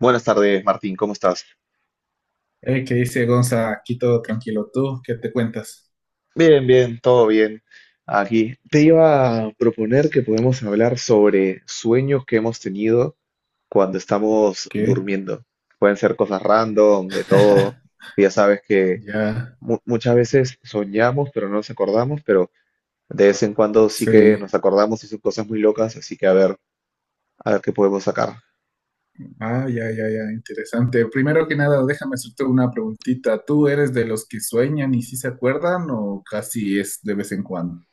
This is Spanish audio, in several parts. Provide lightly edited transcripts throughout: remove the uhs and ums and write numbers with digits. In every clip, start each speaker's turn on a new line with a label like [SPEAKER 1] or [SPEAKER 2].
[SPEAKER 1] Buenas tardes, Martín, ¿cómo estás?
[SPEAKER 2] ¿Qué dice Gonza? Aquí todo tranquilo. ¿Tú qué te cuentas?
[SPEAKER 1] Bien, bien, todo bien. Aquí te iba a proponer que podemos hablar sobre sueños que hemos tenido cuando estamos
[SPEAKER 2] ¿Qué?
[SPEAKER 1] durmiendo. Pueden ser cosas random, de todo. Ya sabes que
[SPEAKER 2] Ya,
[SPEAKER 1] muchas veces soñamos, pero no nos acordamos, pero de vez en cuando sí que
[SPEAKER 2] sí.
[SPEAKER 1] nos acordamos y son cosas muy locas, así que a ver qué podemos sacar.
[SPEAKER 2] Ya. Interesante. Primero que nada, déjame hacerte una preguntita. ¿Tú eres de los que sueñan y sí se acuerdan o casi es de vez en cuando?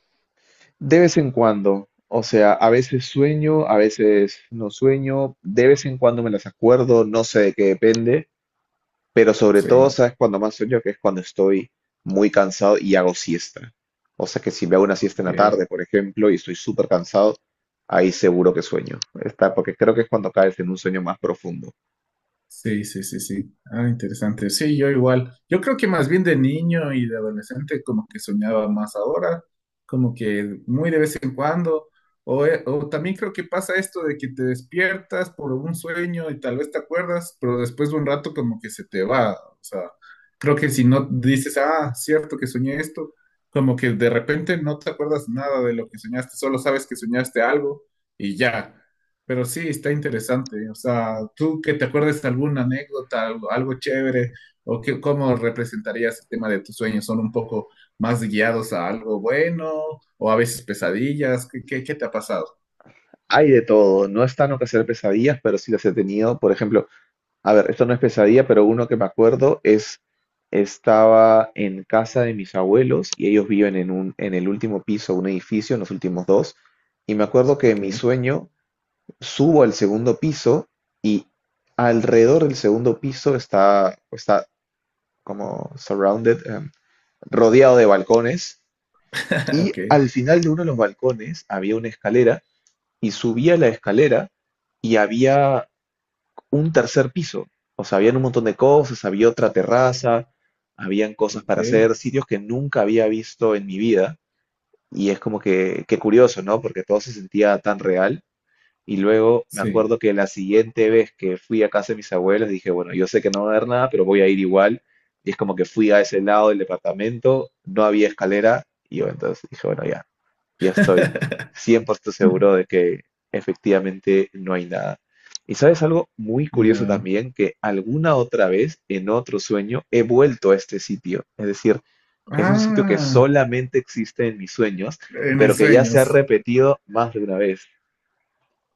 [SPEAKER 1] De vez en cuando, o sea, a veces sueño, a veces no sueño, de vez en cuando me las acuerdo, no sé de qué depende, pero sobre todo,
[SPEAKER 2] Sí.
[SPEAKER 1] ¿sabes cuando más sueño? Que es cuando estoy muy cansado y hago siesta. O sea que si me hago una siesta en
[SPEAKER 2] Ok.
[SPEAKER 1] la tarde, por ejemplo, y estoy súper cansado, ahí seguro que sueño. Está, porque creo que es cuando caes en un sueño más profundo.
[SPEAKER 2] Sí, sí, sí, sí. Ah, interesante. Sí, yo igual. Yo creo que más bien de niño y de adolescente como que soñaba más ahora, como que muy de vez en cuando. O también creo que pasa esto de que te despiertas por un sueño y tal vez te acuerdas, pero después de un rato como que se te va. O sea, creo que si no dices, ah, cierto que soñé esto, como que de repente no te acuerdas nada de lo que soñaste, solo sabes que soñaste algo y ya. Pero sí, está interesante. O sea, ¿tú que te acuerdes de alguna anécdota, algo, algo chévere, o cómo representarías el tema de tus sueños? ¿Son un poco más guiados a algo bueno o a veces pesadillas? ¿Qué, qué te ha pasado?
[SPEAKER 1] Hay de todo, no es tan que hacer pesadillas, pero sí las he tenido. Por ejemplo, a ver, esto no es pesadilla, pero uno que me acuerdo es, estaba en casa de mis abuelos y ellos viven en un, en el último piso de un edificio, en los últimos dos, y me acuerdo que en
[SPEAKER 2] Ok,
[SPEAKER 1] mi sueño subo al segundo piso y alrededor del segundo piso está, está como surrounded, rodeado de balcones, y
[SPEAKER 2] ok,
[SPEAKER 1] al final de uno de los balcones había una escalera y subía la escalera y había un tercer piso. O sea, habían un montón de cosas, había otra terraza, habían cosas
[SPEAKER 2] ok,
[SPEAKER 1] para hacer, sitios que nunca había visto en mi vida. Y es como que, qué curioso, ¿no? Porque todo se sentía tan real. Y luego me
[SPEAKER 2] sí.
[SPEAKER 1] acuerdo que la siguiente vez que fui a casa de mis abuelos dije, bueno, yo sé que no va a haber nada, pero voy a ir igual. Y es como que fui a ese lado del departamento, no había escalera. Y yo entonces dije, bueno, ya, ya estoy 100% seguro de que efectivamente no hay nada. Y sabes algo muy curioso
[SPEAKER 2] Ya.
[SPEAKER 1] también, que alguna otra vez en otro sueño he vuelto a este sitio. Es decir, es un sitio que
[SPEAKER 2] Ah,
[SPEAKER 1] solamente existe en mis sueños,
[SPEAKER 2] en el
[SPEAKER 1] pero que ya
[SPEAKER 2] sueño.
[SPEAKER 1] se ha repetido más de una vez.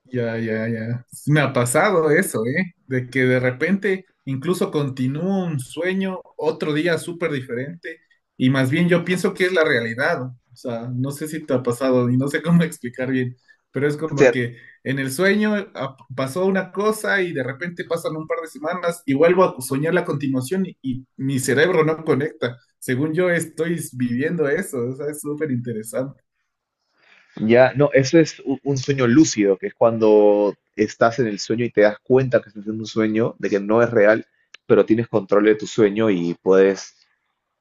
[SPEAKER 2] Ya, ya, ya. Sí, me ha pasado eso, ¿eh? De que de repente incluso continúo un sueño otro día súper diferente y más bien yo pienso que es la realidad, ¿no? O sea, no sé si te ha pasado y no sé cómo explicar bien, pero es
[SPEAKER 1] O
[SPEAKER 2] como
[SPEAKER 1] sea,
[SPEAKER 2] que en el sueño ah, pasó una cosa y de repente pasan un par de semanas y vuelvo a soñar la continuación y mi cerebro no conecta. Según yo estoy viviendo eso, o sea, es súper interesante.
[SPEAKER 1] ya, no, eso es un sueño lúcido, que es cuando estás en el sueño y te das cuenta que estás en un sueño, de que no es real, pero tienes control de tu sueño y puedes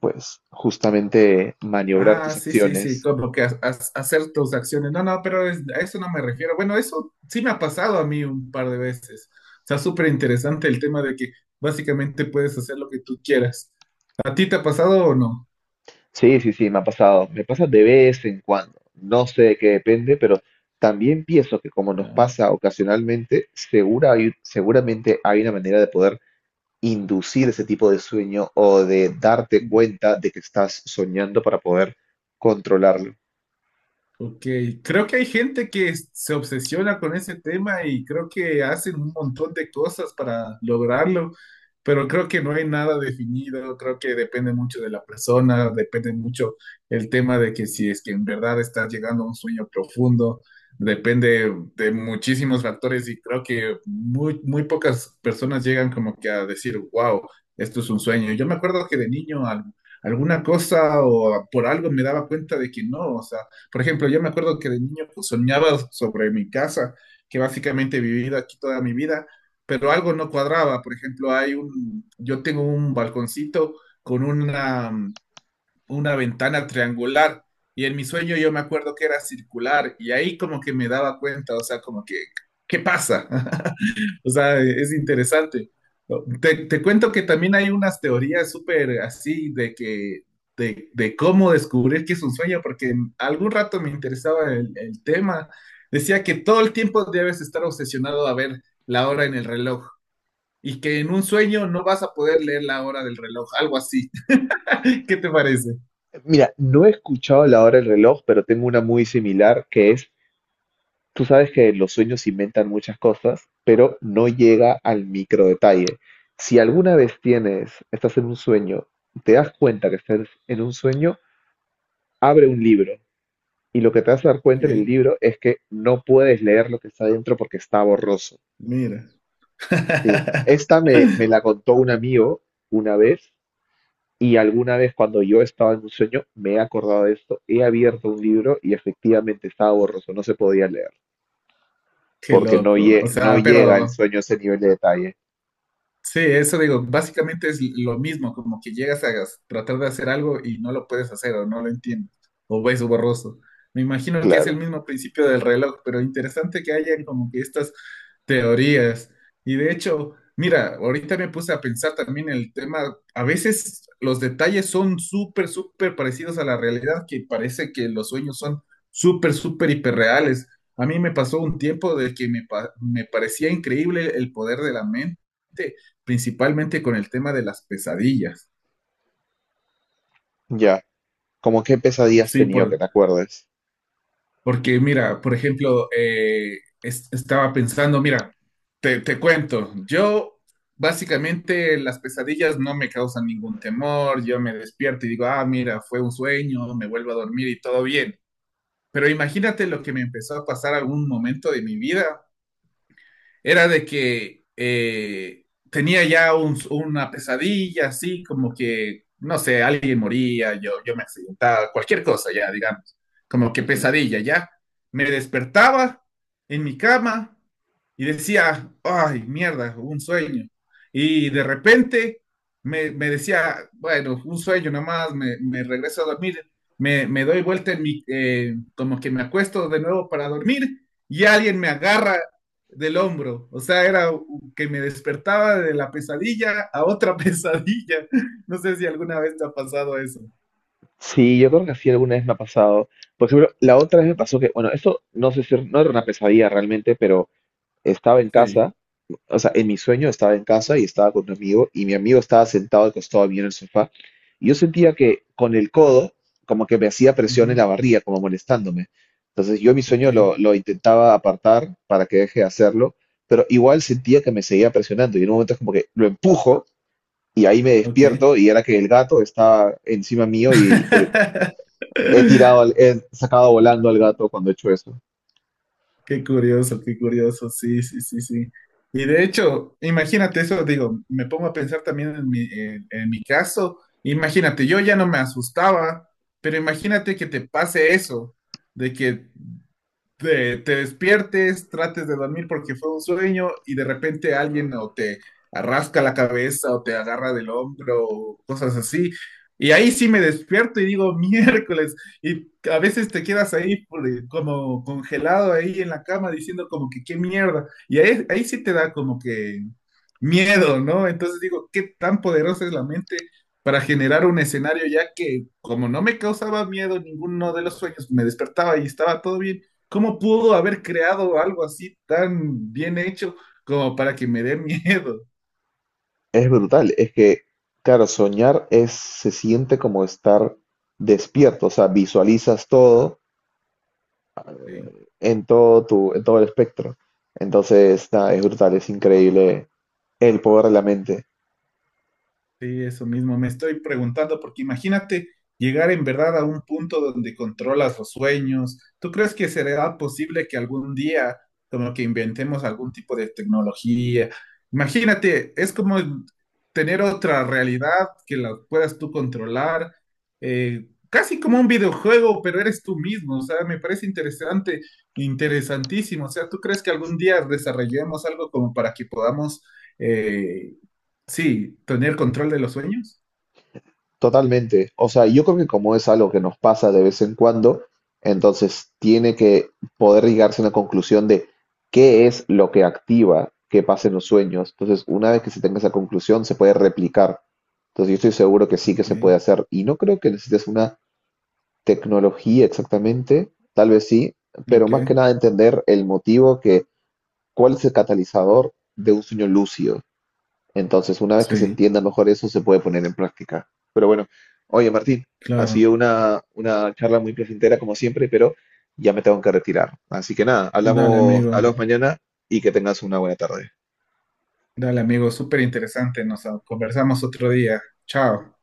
[SPEAKER 1] pues justamente maniobrar
[SPEAKER 2] Ah,
[SPEAKER 1] tus
[SPEAKER 2] sí, sí, sí,
[SPEAKER 1] acciones.
[SPEAKER 2] como que hacer tus acciones. No, no, pero a eso no me refiero. Bueno, eso sí me ha pasado a mí un par de veces. O sea, súper interesante el tema de que básicamente puedes hacer lo que tú quieras. ¿A ti te ha pasado o no?
[SPEAKER 1] Sí, sí, sí, me ha pasado. Me pasa de vez en cuando. No sé de qué depende, pero también pienso que como nos
[SPEAKER 2] Ya.
[SPEAKER 1] pasa ocasionalmente, seguramente hay una manera de poder inducir ese tipo de sueño o de darte cuenta de que estás soñando para poder controlarlo.
[SPEAKER 2] Ok, creo que hay gente que se obsesiona con ese tema y creo que hacen un montón de cosas para lograrlo, pero creo que no hay nada definido, creo que depende mucho de la persona, depende mucho el tema de que si es que en verdad estás llegando a un sueño profundo, depende de muchísimos factores y creo que muy, muy pocas personas llegan como que a decir, wow, esto es un sueño. Yo me acuerdo que de niño alguna cosa o por algo me daba cuenta de que no, o sea, por ejemplo, yo me acuerdo que de niño pues, soñaba sobre mi casa, que básicamente he vivido aquí toda mi vida, pero algo no cuadraba. Por ejemplo, hay un, yo tengo un balconcito con una ventana triangular y en mi sueño yo me acuerdo que era circular y ahí como que me daba cuenta, o sea, como que, ¿qué pasa? O sea, es interesante. Te cuento que también hay unas teorías súper así de que, de cómo descubrir que es un sueño, porque en algún rato me interesaba el tema. Decía que todo el tiempo debes estar obsesionado a ver la hora en el reloj y que en un sueño no vas a poder leer la hora del reloj, algo así. ¿Qué te parece?
[SPEAKER 1] Mira, no he escuchado la hora del reloj, pero tengo una muy similar que es: tú sabes que los sueños inventan muchas cosas, pero no llega al micro detalle. Si alguna vez tienes, estás en un sueño, te das cuenta que estás en un sueño, abre un libro y lo que te vas a dar
[SPEAKER 2] Ok,
[SPEAKER 1] cuenta en el libro es que no puedes leer lo que está dentro porque está borroso.
[SPEAKER 2] mira.
[SPEAKER 1] Sí, esta me la contó un amigo una vez y alguna vez cuando yo estaba en un sueño me he acordado de esto. He abierto un libro y efectivamente estaba borroso, no se podía leer
[SPEAKER 2] Qué
[SPEAKER 1] porque
[SPEAKER 2] loco. O
[SPEAKER 1] no
[SPEAKER 2] sea,
[SPEAKER 1] llega el
[SPEAKER 2] pero
[SPEAKER 1] sueño a ese nivel de detalle.
[SPEAKER 2] sí, eso digo, básicamente es lo mismo, como que llegas a tratar de hacer algo y no lo puedes hacer o no lo entiendes, o ves borroso. Me imagino que es
[SPEAKER 1] Claro,
[SPEAKER 2] el mismo principio del reloj, pero interesante que hayan como que estas teorías. Y de hecho, mira, ahorita me puse a pensar también en el tema, a veces los detalles son súper, súper parecidos a la realidad, que parece que los sueños son súper, súper hiperreales. A mí me pasó un tiempo de que me, me parecía increíble el poder de la mente principalmente con el tema de las pesadillas.
[SPEAKER 1] ya. ¿Cómo qué pesadillas has
[SPEAKER 2] Sí,
[SPEAKER 1] tenido que te
[SPEAKER 2] por,
[SPEAKER 1] acuerdes?
[SPEAKER 2] porque mira, por ejemplo, estaba pensando, mira, te cuento, yo básicamente las pesadillas no me causan ningún temor, yo me despierto y digo, ah, mira, fue un sueño, me vuelvo a dormir y todo bien. Pero imagínate lo que me empezó a pasar algún momento de mi vida era de que tenía ya una pesadilla, así como que, no sé, alguien moría, yo me accidentaba, cualquier cosa ya, digamos, como que
[SPEAKER 1] Ujú.
[SPEAKER 2] pesadilla ya. Me despertaba en mi cama y decía, ay, mierda, un sueño. Y de repente me decía, bueno, un sueño nomás, me regreso a dormir, me doy vuelta en mi, como que me acuesto de nuevo para dormir y alguien me agarra del hombro. O sea, era que me despertaba de la pesadilla a otra pesadilla. No sé si alguna vez te ha pasado eso.
[SPEAKER 1] Sí, yo creo que sí alguna vez me ha pasado. Por ejemplo, la otra vez me pasó que, bueno, esto no sé si no era una pesadilla realmente, pero estaba en
[SPEAKER 2] Sí.
[SPEAKER 1] casa, o sea, en mi sueño estaba en casa y estaba con un amigo y mi amigo estaba sentado al costado mío en el sofá y yo sentía que con el codo como que me hacía presión en
[SPEAKER 2] Ujú.
[SPEAKER 1] la barriga, como molestándome. Entonces yo en mi
[SPEAKER 2] Ok,
[SPEAKER 1] sueño lo intentaba apartar para que deje de hacerlo, pero igual sentía que me seguía presionando y en un momento es como que lo empujo y ahí me
[SPEAKER 2] ok.
[SPEAKER 1] despierto y era que el gato está encima mío y he tirado, he sacado volando al gato cuando he hecho eso.
[SPEAKER 2] Qué curioso, sí, sí, sí, sí. Y de hecho, imagínate eso, digo, me pongo a pensar también en mi caso, imagínate, yo ya no me asustaba, pero imagínate que te pase eso, de que te despiertes, trates de dormir porque fue un sueño y de repente alguien o te arrasca la cabeza o te agarra del hombro o cosas así. Y ahí sí me despierto y digo miércoles. Y a veces te quedas ahí como congelado ahí en la cama diciendo como que qué mierda. Y ahí, ahí sí te da como que miedo, ¿no? Entonces digo, ¿qué tan poderosa es la mente para generar un escenario ya que como no me causaba miedo ninguno de los sueños, me despertaba y estaba todo bien? ¿Cómo pudo haber creado algo así tan bien hecho como para que me dé miedo?
[SPEAKER 1] Es brutal, es que, claro, soñar es, se siente como estar despierto, o sea, visualizas todo
[SPEAKER 2] Sí.
[SPEAKER 1] en todo tu, en todo el espectro. Entonces, nada, es brutal, es increíble el poder de la mente.
[SPEAKER 2] Sí, eso mismo, me estoy preguntando, porque imagínate llegar en verdad a un punto donde controlas los sueños. ¿Tú crees que será posible que algún día como que inventemos algún tipo de tecnología? Imagínate, es como tener otra realidad que la puedas tú controlar, casi como un videojuego, pero eres tú mismo. O sea, me parece interesante, interesantísimo. O sea, ¿tú crees que algún día desarrollemos algo como para que podamos... eh, sí, tener control de los sueños.
[SPEAKER 1] Totalmente. O sea, yo creo que como es algo que nos pasa de vez en cuando, entonces tiene que poder llegarse a una conclusión de qué es lo que activa que pasen los sueños. Entonces, una vez que se tenga esa conclusión, se puede replicar. Entonces, yo estoy seguro que sí que
[SPEAKER 2] Ok,
[SPEAKER 1] se puede hacer. Y no creo que necesites una tecnología exactamente, tal vez sí, pero
[SPEAKER 2] ok,
[SPEAKER 1] más que nada entender el motivo que, cuál es el catalizador de un sueño lúcido. Entonces, una vez que se
[SPEAKER 2] sí,
[SPEAKER 1] entienda mejor eso, se puede poner en práctica. Pero bueno, oye Martín, ha
[SPEAKER 2] claro.
[SPEAKER 1] sido una charla muy placentera como siempre, pero ya me tengo que retirar. Así que nada,
[SPEAKER 2] Dale,
[SPEAKER 1] hablamos,
[SPEAKER 2] amigo,
[SPEAKER 1] hablamos mañana y que tengas una buena tarde.
[SPEAKER 2] dale, amigo, súper interesante. Nos ah, conversamos otro día. Chao.